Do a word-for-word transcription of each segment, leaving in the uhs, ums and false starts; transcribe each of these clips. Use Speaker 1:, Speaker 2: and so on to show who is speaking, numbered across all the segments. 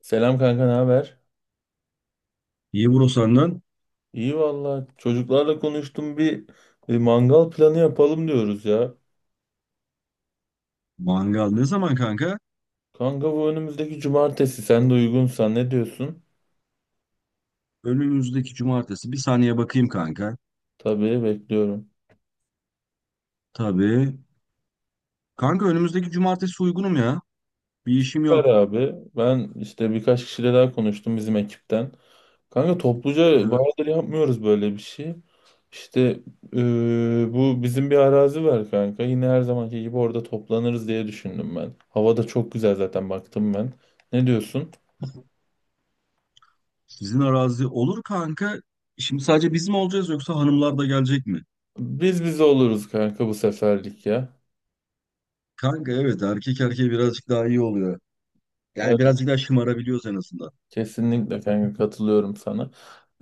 Speaker 1: Selam kanka, ne haber?
Speaker 2: Euro senden.
Speaker 1: İyi valla. Çocuklarla konuştum bir, bir mangal planı yapalım diyoruz ya.
Speaker 2: Mangal ne zaman kanka?
Speaker 1: Kanka bu önümüzdeki cumartesi sen de uygunsan ne diyorsun?
Speaker 2: Önümüzdeki cumartesi. Bir saniye bakayım kanka.
Speaker 1: Tabii bekliyorum.
Speaker 2: Tabii. Kanka önümüzdeki cumartesi uygunum ya. Bir işim
Speaker 1: Süper
Speaker 2: yok.
Speaker 1: abi. Ben işte birkaç kişiyle daha konuştum bizim ekipten. Kanka topluca
Speaker 2: Evet.
Speaker 1: bayağıdır yapmıyoruz böyle bir şey. İşte eee, bu bizim bir arazi var kanka. Yine her zamanki gibi orada toplanırız diye düşündüm ben. Hava da çok güzel zaten baktım ben. Ne diyorsun?
Speaker 2: Sizin arazi olur kanka. Şimdi sadece biz mi olacağız yoksa hanımlar da gelecek mi?
Speaker 1: Biz biz oluruz kanka bu seferlik ya.
Speaker 2: Kanka evet erkek erkeğe birazcık daha iyi oluyor. Yani
Speaker 1: Evet,
Speaker 2: birazcık daha şımarabiliyoruz en azından.
Speaker 1: kesinlikle kanka katılıyorum sana.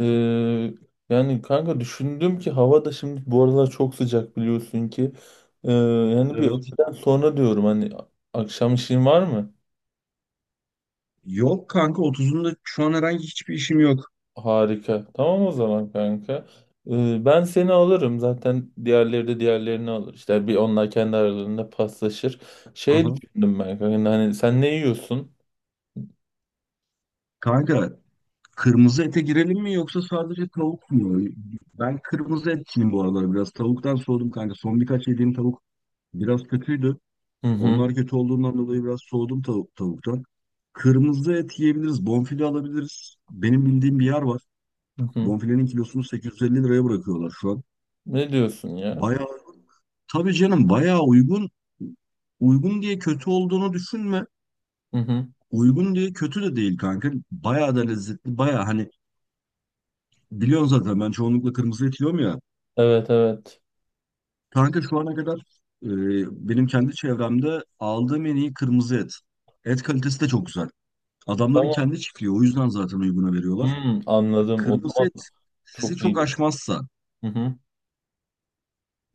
Speaker 1: Ee, yani kanka düşündüm ki hava da şimdi bu aralar çok sıcak biliyorsun ki. Ee, yani bir
Speaker 2: Evet.
Speaker 1: öğleden sonra diyorum hani akşam işin var mı?
Speaker 2: Yok kanka otuzunda şu an herhangi hiçbir işim yok.
Speaker 1: Harika. Tamam o zaman kanka. Ee, ben seni alırım zaten, diğerleri de diğerlerini alır. İşte bir onlar kendi aralarında paslaşır. Şey
Speaker 2: Aha.
Speaker 1: düşündüm ben kanka, hani sen ne yiyorsun?
Speaker 2: Kanka kırmızı ete girelim mi yoksa sadece tavuk mu? Ben kırmızı etçiyim bu aralar biraz. Tavuktan soğudum kanka. Son birkaç yediğim tavuk biraz kötüydü.
Speaker 1: Hı hı.
Speaker 2: Onlar kötü olduğundan dolayı biraz soğudum tavuk, tavuktan. Kırmızı et yiyebiliriz. Bonfile alabiliriz. Benim bildiğim bir yer var.
Speaker 1: Hı hı.
Speaker 2: Bonfilenin kilosunu sekiz yüz elli liraya bırakıyorlar şu an.
Speaker 1: Ne diyorsun ya?
Speaker 2: Bayağı, tabii canım bayağı uygun. Uygun diye kötü olduğunu düşünme.
Speaker 1: Hı hı.
Speaker 2: Uygun diye kötü de değil kanka. Bayağı da lezzetli. Bayağı hani biliyorsun zaten ben çoğunlukla kırmızı et yiyorum ya.
Speaker 1: Evet evet.
Speaker 2: Kanka şu ana kadar e, benim kendi çevremde aldığım en iyi kırmızı et. Et kalitesi de çok güzel. Adamların
Speaker 1: Tamam.
Speaker 2: kendi çiftliği o yüzden zaten uyguna veriyorlar.
Speaker 1: Hmm, anladım. O
Speaker 2: Kırmızı
Speaker 1: zaman
Speaker 2: et sizi
Speaker 1: çok
Speaker 2: çok
Speaker 1: iyiydi.
Speaker 2: aşmazsa
Speaker 1: Hı hı.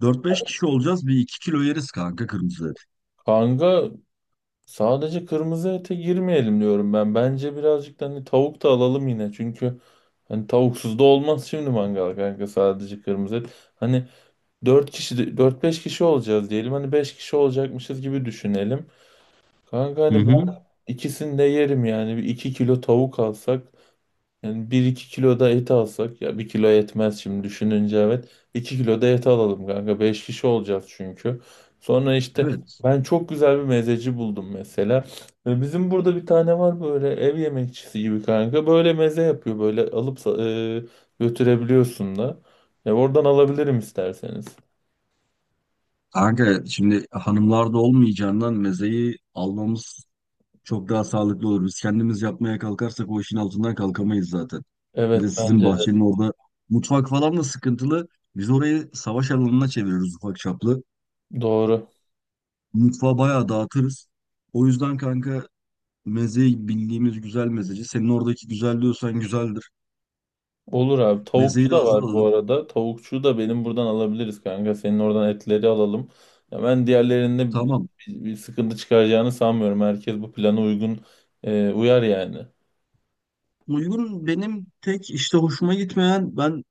Speaker 2: dört beş kişi olacağız bir iki kilo yeriz kanka kırmızı et.
Speaker 1: Kanka sadece kırmızı ete girmeyelim diyorum ben. Bence birazcık da hani tavuk da alalım yine. Çünkü hani tavuksuz da olmaz şimdi mangal kanka, sadece kırmızı et. Hani dört kişi de- dört beş kişi olacağız diyelim. Hani beş kişi olacakmışız gibi düşünelim. Kanka
Speaker 2: Hı
Speaker 1: hani ben
Speaker 2: hı.
Speaker 1: ikisini de yerim yani. Bir iki kilo tavuk alsak. Yani bir iki kilo da et alsak ya, bir kilo yetmez şimdi düşününce, evet. iki kilo da et alalım kanka. Beş kişi olacağız çünkü. Sonra işte
Speaker 2: Evet.
Speaker 1: ben çok güzel bir mezeci buldum mesela. E, Bizim burada bir tane var, böyle ev yemekçisi gibi kanka. Böyle meze yapıyor, böyle alıp sa- e, götürebiliyorsun da. Ya oradan alabilirim isterseniz.
Speaker 2: Kanka şimdi hanımlar da olmayacağından mezeyi almamız çok daha sağlıklı olur. Biz kendimiz yapmaya kalkarsak o işin altından kalkamayız zaten. Bir de
Speaker 1: Evet, bence
Speaker 2: sizin
Speaker 1: de
Speaker 2: bahçenin orada mutfak falan da sıkıntılı. Biz orayı savaş alanına çeviriyoruz ufak çaplı.
Speaker 1: doğru.
Speaker 2: Mutfağı bayağı dağıtırız. O yüzden kanka mezeyi bildiğimiz güzel mezeci. Senin oradaki güzel diyorsan güzeldir.
Speaker 1: Olur abi.
Speaker 2: Mezeyi
Speaker 1: Tavukçu
Speaker 2: de
Speaker 1: da var bu
Speaker 2: hazırladım.
Speaker 1: arada. Tavukçuyu da benim buradan alabiliriz kanka. Senin oradan etleri alalım. Ya ben diğerlerinde bir,
Speaker 2: Tamam.
Speaker 1: bir sıkıntı çıkaracağını sanmıyorum. Herkes bu plana uygun, e, uyar yani.
Speaker 2: Uygun benim tek işte hoşuma gitmeyen ben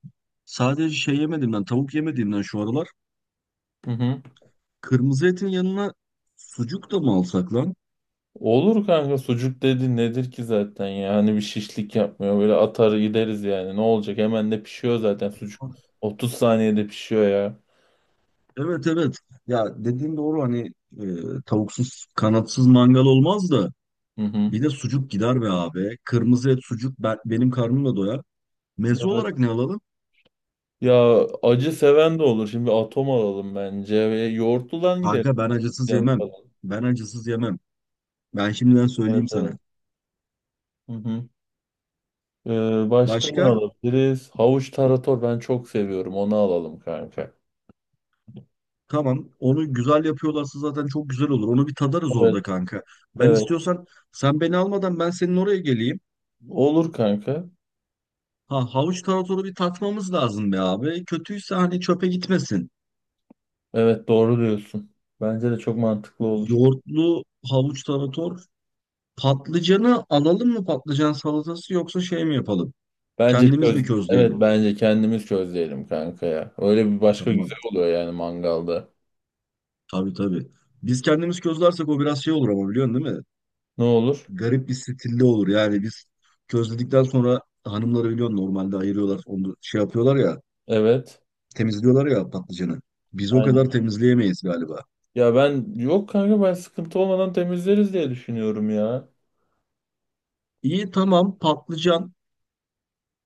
Speaker 2: sadece şey yemediğimden tavuk yemediğimden şu aralar.
Speaker 1: Hı hı.
Speaker 2: Kırmızı etin yanına sucuk da mı alsak lan?
Speaker 1: Olur kanka, sucuk dedi nedir ki zaten ya, hani bir şişlik yapmıyor, böyle atar gideriz yani, ne olacak, hemen de pişiyor zaten sucuk, otuz saniyede pişiyor ya.
Speaker 2: Evet evet. Ya dediğin doğru hani e, tavuksuz kanatsız mangal olmaz da
Speaker 1: Hı hı.
Speaker 2: bir de sucuk gider be abi. Kırmızı et sucuk ben, benim karnımla doyar. Meze
Speaker 1: Evet.
Speaker 2: olarak ne alalım?
Speaker 1: Ya acı seven de olur şimdi, atom alalım bence ve yoğurtludan gidelim.
Speaker 2: Kanka ben acısız
Speaker 1: Can
Speaker 2: yemem.
Speaker 1: falan.
Speaker 2: Ben acısız yemem. Ben şimdiden
Speaker 1: Evet
Speaker 2: söyleyeyim
Speaker 1: evet.
Speaker 2: sana.
Speaker 1: Hı hı. Ee, başka ne
Speaker 2: Başka?
Speaker 1: alabiliriz? Havuç tarator ben çok seviyorum. Onu alalım kanka.
Speaker 2: Tamam. Onu güzel yapıyorlarsa zaten çok güzel olur. Onu bir tadarız orada
Speaker 1: Evet,
Speaker 2: kanka. Ben
Speaker 1: evet.
Speaker 2: istiyorsan sen beni almadan ben senin oraya geleyim.
Speaker 1: Olur kanka.
Speaker 2: Ha havuç taratoru bir tatmamız lazım be abi. Kötüyse hani çöpe gitmesin.
Speaker 1: Evet, doğru diyorsun. Bence de çok mantıklı olur.
Speaker 2: Yoğurtlu havuç tarator. Patlıcanı alalım mı patlıcan salatası yoksa şey mi yapalım?
Speaker 1: Bence
Speaker 2: Kendimiz
Speaker 1: çöz.
Speaker 2: mi
Speaker 1: Evet,
Speaker 2: közleyelim?
Speaker 1: bence kendimiz közleyelim kanka ya. Öyle bir başka güzel
Speaker 2: Tamam.
Speaker 1: oluyor yani mangalda.
Speaker 2: Tabii tabii. Biz kendimiz közlersek o biraz şey olur ama biliyorsun değil mi?
Speaker 1: Ne olur?
Speaker 2: Garip bir stilli olur. Yani biz közledikten sonra hanımları biliyorsun normalde ayırıyorlar. Onu şey yapıyorlar ya
Speaker 1: Evet.
Speaker 2: temizliyorlar ya patlıcanı. Biz o
Speaker 1: Aynen.
Speaker 2: kadar temizleyemeyiz galiba.
Speaker 1: Ya ben yok kanka, ben sıkıntı olmadan temizleriz diye düşünüyorum ya.
Speaker 2: İyi tamam patlıcan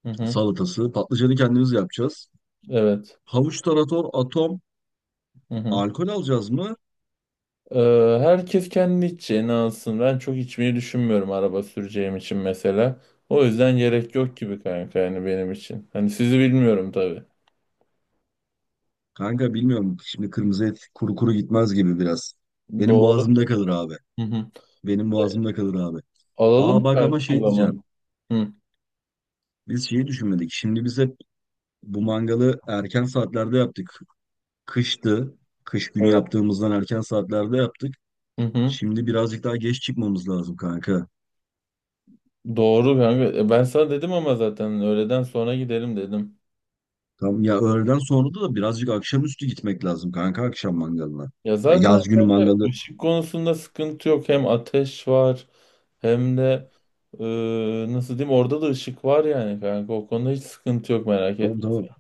Speaker 1: Hı hı.
Speaker 2: salatası. Patlıcanı kendimiz yapacağız.
Speaker 1: Evet.
Speaker 2: Havuç, tarator, atom.
Speaker 1: Hı hı.
Speaker 2: Alkol alacağız mı?
Speaker 1: Ee, herkes kendi içeceğini alsın. Ben çok içmeyi düşünmüyorum, araba süreceğim için mesela. O yüzden gerek yok gibi kanka, yani benim için. Hani sizi bilmiyorum tabii.
Speaker 2: Kanka bilmiyorum. Şimdi kırmızı et kuru kuru gitmez gibi biraz. Benim
Speaker 1: Doğru.
Speaker 2: boğazımda kalır abi.
Speaker 1: Hı hı.
Speaker 2: Benim boğazımda kalır abi.
Speaker 1: Alalım
Speaker 2: Aa bak
Speaker 1: kanka
Speaker 2: ama
Speaker 1: o
Speaker 2: şey diyeceğim.
Speaker 1: zaman. Hı,
Speaker 2: Biz şeyi düşünmedik. Şimdi biz hep bu mangalı erken saatlerde yaptık. Kıştı. Kış günü
Speaker 1: evet.
Speaker 2: yaptığımızdan erken saatlerde yaptık.
Speaker 1: Hı hı.
Speaker 2: Şimdi birazcık daha geç çıkmamız lazım kanka.
Speaker 1: Doğru kanka. E, Ben sana dedim ama zaten, öğleden sonra gidelim dedim.
Speaker 2: Tam ya öğleden sonra da birazcık akşamüstü gitmek lazım kanka akşam mangalına.
Speaker 1: Ya
Speaker 2: Ya
Speaker 1: zaten
Speaker 2: yaz günü mangalı.
Speaker 1: ışık konusunda sıkıntı yok. Hem ateş var, hem de e, nasıl diyeyim, orada da ışık var yani kanka. O konuda hiç sıkıntı yok, merak
Speaker 2: Tamam
Speaker 1: etme.
Speaker 2: tamam.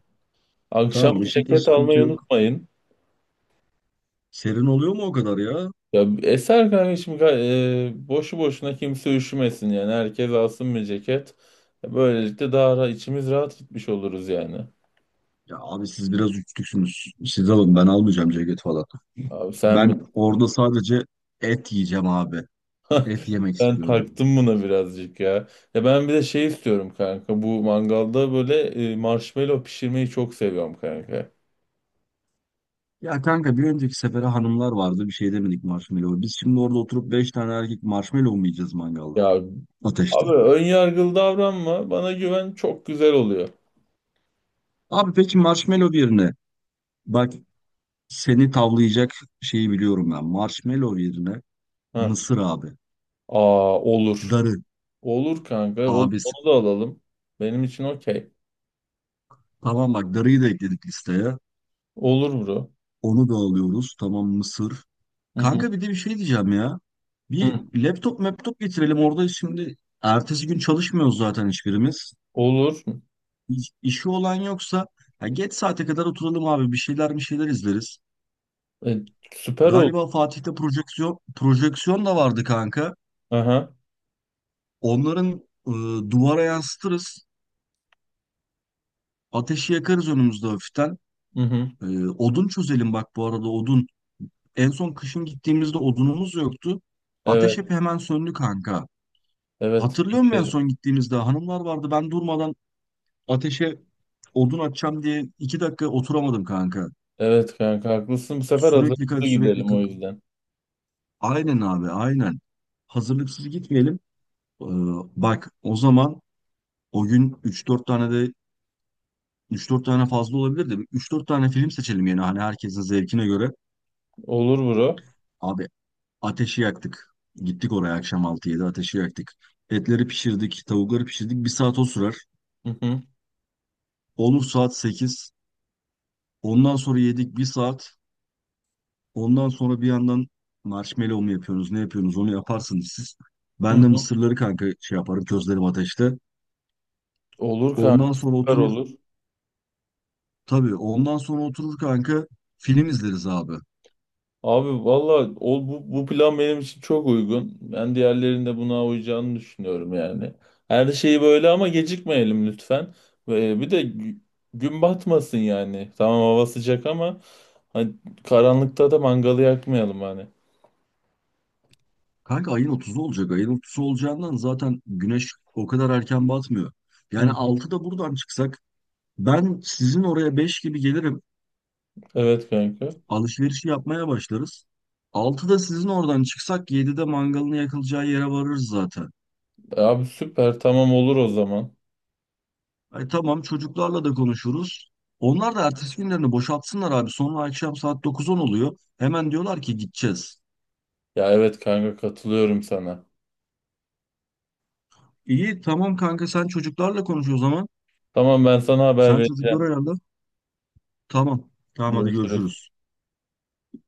Speaker 1: Akşam
Speaker 2: Tamam
Speaker 1: bir
Speaker 2: ışıkta
Speaker 1: ceket
Speaker 2: sıkıntı
Speaker 1: almayı
Speaker 2: yok.
Speaker 1: unutmayın.
Speaker 2: Serin oluyor mu o kadar ya?
Speaker 1: Ya eser kanka, şimdi ga- e, boşu boşuna kimse üşümesin yani. Herkes alsın bir ceket. E, Böylelikle daha ra- içimiz rahat gitmiş oluruz yani.
Speaker 2: Ya abi siz biraz uçtuksünüz. Siz alın ben almayacağım ceket falan.
Speaker 1: Abi sen
Speaker 2: Ben orada sadece et yiyeceğim abi. Et yemek
Speaker 1: ben
Speaker 2: istiyorum.
Speaker 1: taktım buna birazcık ya. Ya ben bir de şey istiyorum kanka. Bu mangalda böyle e, marshmallow pişirmeyi çok seviyorum kanka.
Speaker 2: Ya kanka bir önceki sefere hanımlar vardı bir şey demedik marshmallow. Biz şimdi orada oturup beş tane erkek marshmallow mu yiyeceğiz mangalda?
Speaker 1: Ya
Speaker 2: Ateşte.
Speaker 1: abi, ön yargılı davranma. Bana güven, çok güzel oluyor.
Speaker 2: Abi peki marshmallow yerine bak seni tavlayacak şeyi biliyorum ben. Marshmallow yerine
Speaker 1: Ha.
Speaker 2: mısır abi.
Speaker 1: Aa, olur.
Speaker 2: Darı
Speaker 1: Olur kanka. Olur,
Speaker 2: abi.
Speaker 1: onu da alalım. Benim için okey.
Speaker 2: Tamam bak darıyı da ekledik listeye.
Speaker 1: Olur bro.
Speaker 2: Onu da alıyoruz. Tamam mısır.
Speaker 1: Hı hı.
Speaker 2: Kanka bir de bir şey diyeceğim ya. Bir
Speaker 1: Hı.
Speaker 2: laptop laptop getirelim orada şimdi ertesi gün çalışmıyoruz zaten hiçbirimiz.
Speaker 1: Olur.
Speaker 2: İş- İşi olan yoksa ya geç saate kadar oturalım abi bir şeyler bir şeyler izleriz.
Speaker 1: E, süper oldu.
Speaker 2: Galiba Fatih'te projeksiyon projeksiyon da vardı kanka.
Speaker 1: Aha.
Speaker 2: Onların e, duvara yansıtırız. Ateşi yakarız önümüzde hafiften.
Speaker 1: Hı hı.
Speaker 2: E, odun çözelim bak bu arada odun. En son kışın gittiğimizde odunumuz yoktu. Ateş
Speaker 1: Evet.
Speaker 2: hep hemen söndü kanka.
Speaker 1: Evet. İyi.
Speaker 2: Hatırlıyor musun en son gittiğimizde hanımlar vardı ben durmadan ateşe odun atacağım diye iki dakika oturamadım kanka.
Speaker 1: Evet kanka, haklısın. Bu sefer
Speaker 2: Sürekli
Speaker 1: hazırlıklı
Speaker 2: kalk sürekli
Speaker 1: gidelim o
Speaker 2: kalk.
Speaker 1: yüzden.
Speaker 2: Aynen abi aynen. Hazırlıksız gitmeyelim. Ee, Bak o zaman o gün üç dört tane de üç dört tane fazla olabilir de üç dört tane film seçelim yani hani herkesin zevkine göre.
Speaker 1: Olur bro.
Speaker 2: Abi ateşi yaktık. Gittik oraya akşam altı yedi ateşi yaktık. Etleri pişirdik, tavukları pişirdik. Bir saat o sürer.
Speaker 1: Hı hı.
Speaker 2: Olur saat sekiz. Ondan sonra yedik bir saat. Ondan sonra bir yandan marshmallow mu yapıyorsunuz, ne yapıyorsunuz onu yaparsınız siz.
Speaker 1: Hı
Speaker 2: Ben de
Speaker 1: hı.
Speaker 2: mısırları kanka şey yaparım, közlerim ateşte.
Speaker 1: Olur kanka.
Speaker 2: Ondan sonra
Speaker 1: Süper
Speaker 2: oturur,
Speaker 1: olur.
Speaker 2: tabii ondan sonra oturur kanka film izleriz abi.
Speaker 1: Abi valla o- bu, bu plan benim için çok uygun. Ben diğerlerinin de buna uyacağını düşünüyorum yani. Her şeyi böyle, ama gecikmeyelim lütfen. Ve bir de gü- gün batmasın yani. Tamam hava sıcak ama hani karanlıkta da mangalı yakmayalım hani.
Speaker 2: Kanka ayın otuzu olacak. Ayın otuzu olacağından zaten güneş o kadar erken batmıyor.
Speaker 1: Hı
Speaker 2: Yani
Speaker 1: hı.
Speaker 2: altıda buradan çıksak ben sizin oraya beş gibi gelirim.
Speaker 1: Evet kanka.
Speaker 2: Alışverişi yapmaya başlarız. Altıda sizin oradan çıksak yedide mangalını yakılacağı yere varırız zaten.
Speaker 1: E abi, süper. Tamam olur o zaman.
Speaker 2: Ay tamam çocuklarla da konuşuruz. Onlar da ertesi günlerini boşaltsınlar abi. Sonra akşam saat dokuz on oluyor. Hemen diyorlar ki gideceğiz.
Speaker 1: Ya evet kanka, katılıyorum sana.
Speaker 2: İyi tamam kanka sen çocuklarla konuş o zaman.
Speaker 1: Tamam, ben sana haber
Speaker 2: Sen çocuklara
Speaker 1: vereceğim.
Speaker 2: ayarla. Tamam. Tamam hadi
Speaker 1: Görüşürüz.
Speaker 2: görüşürüz.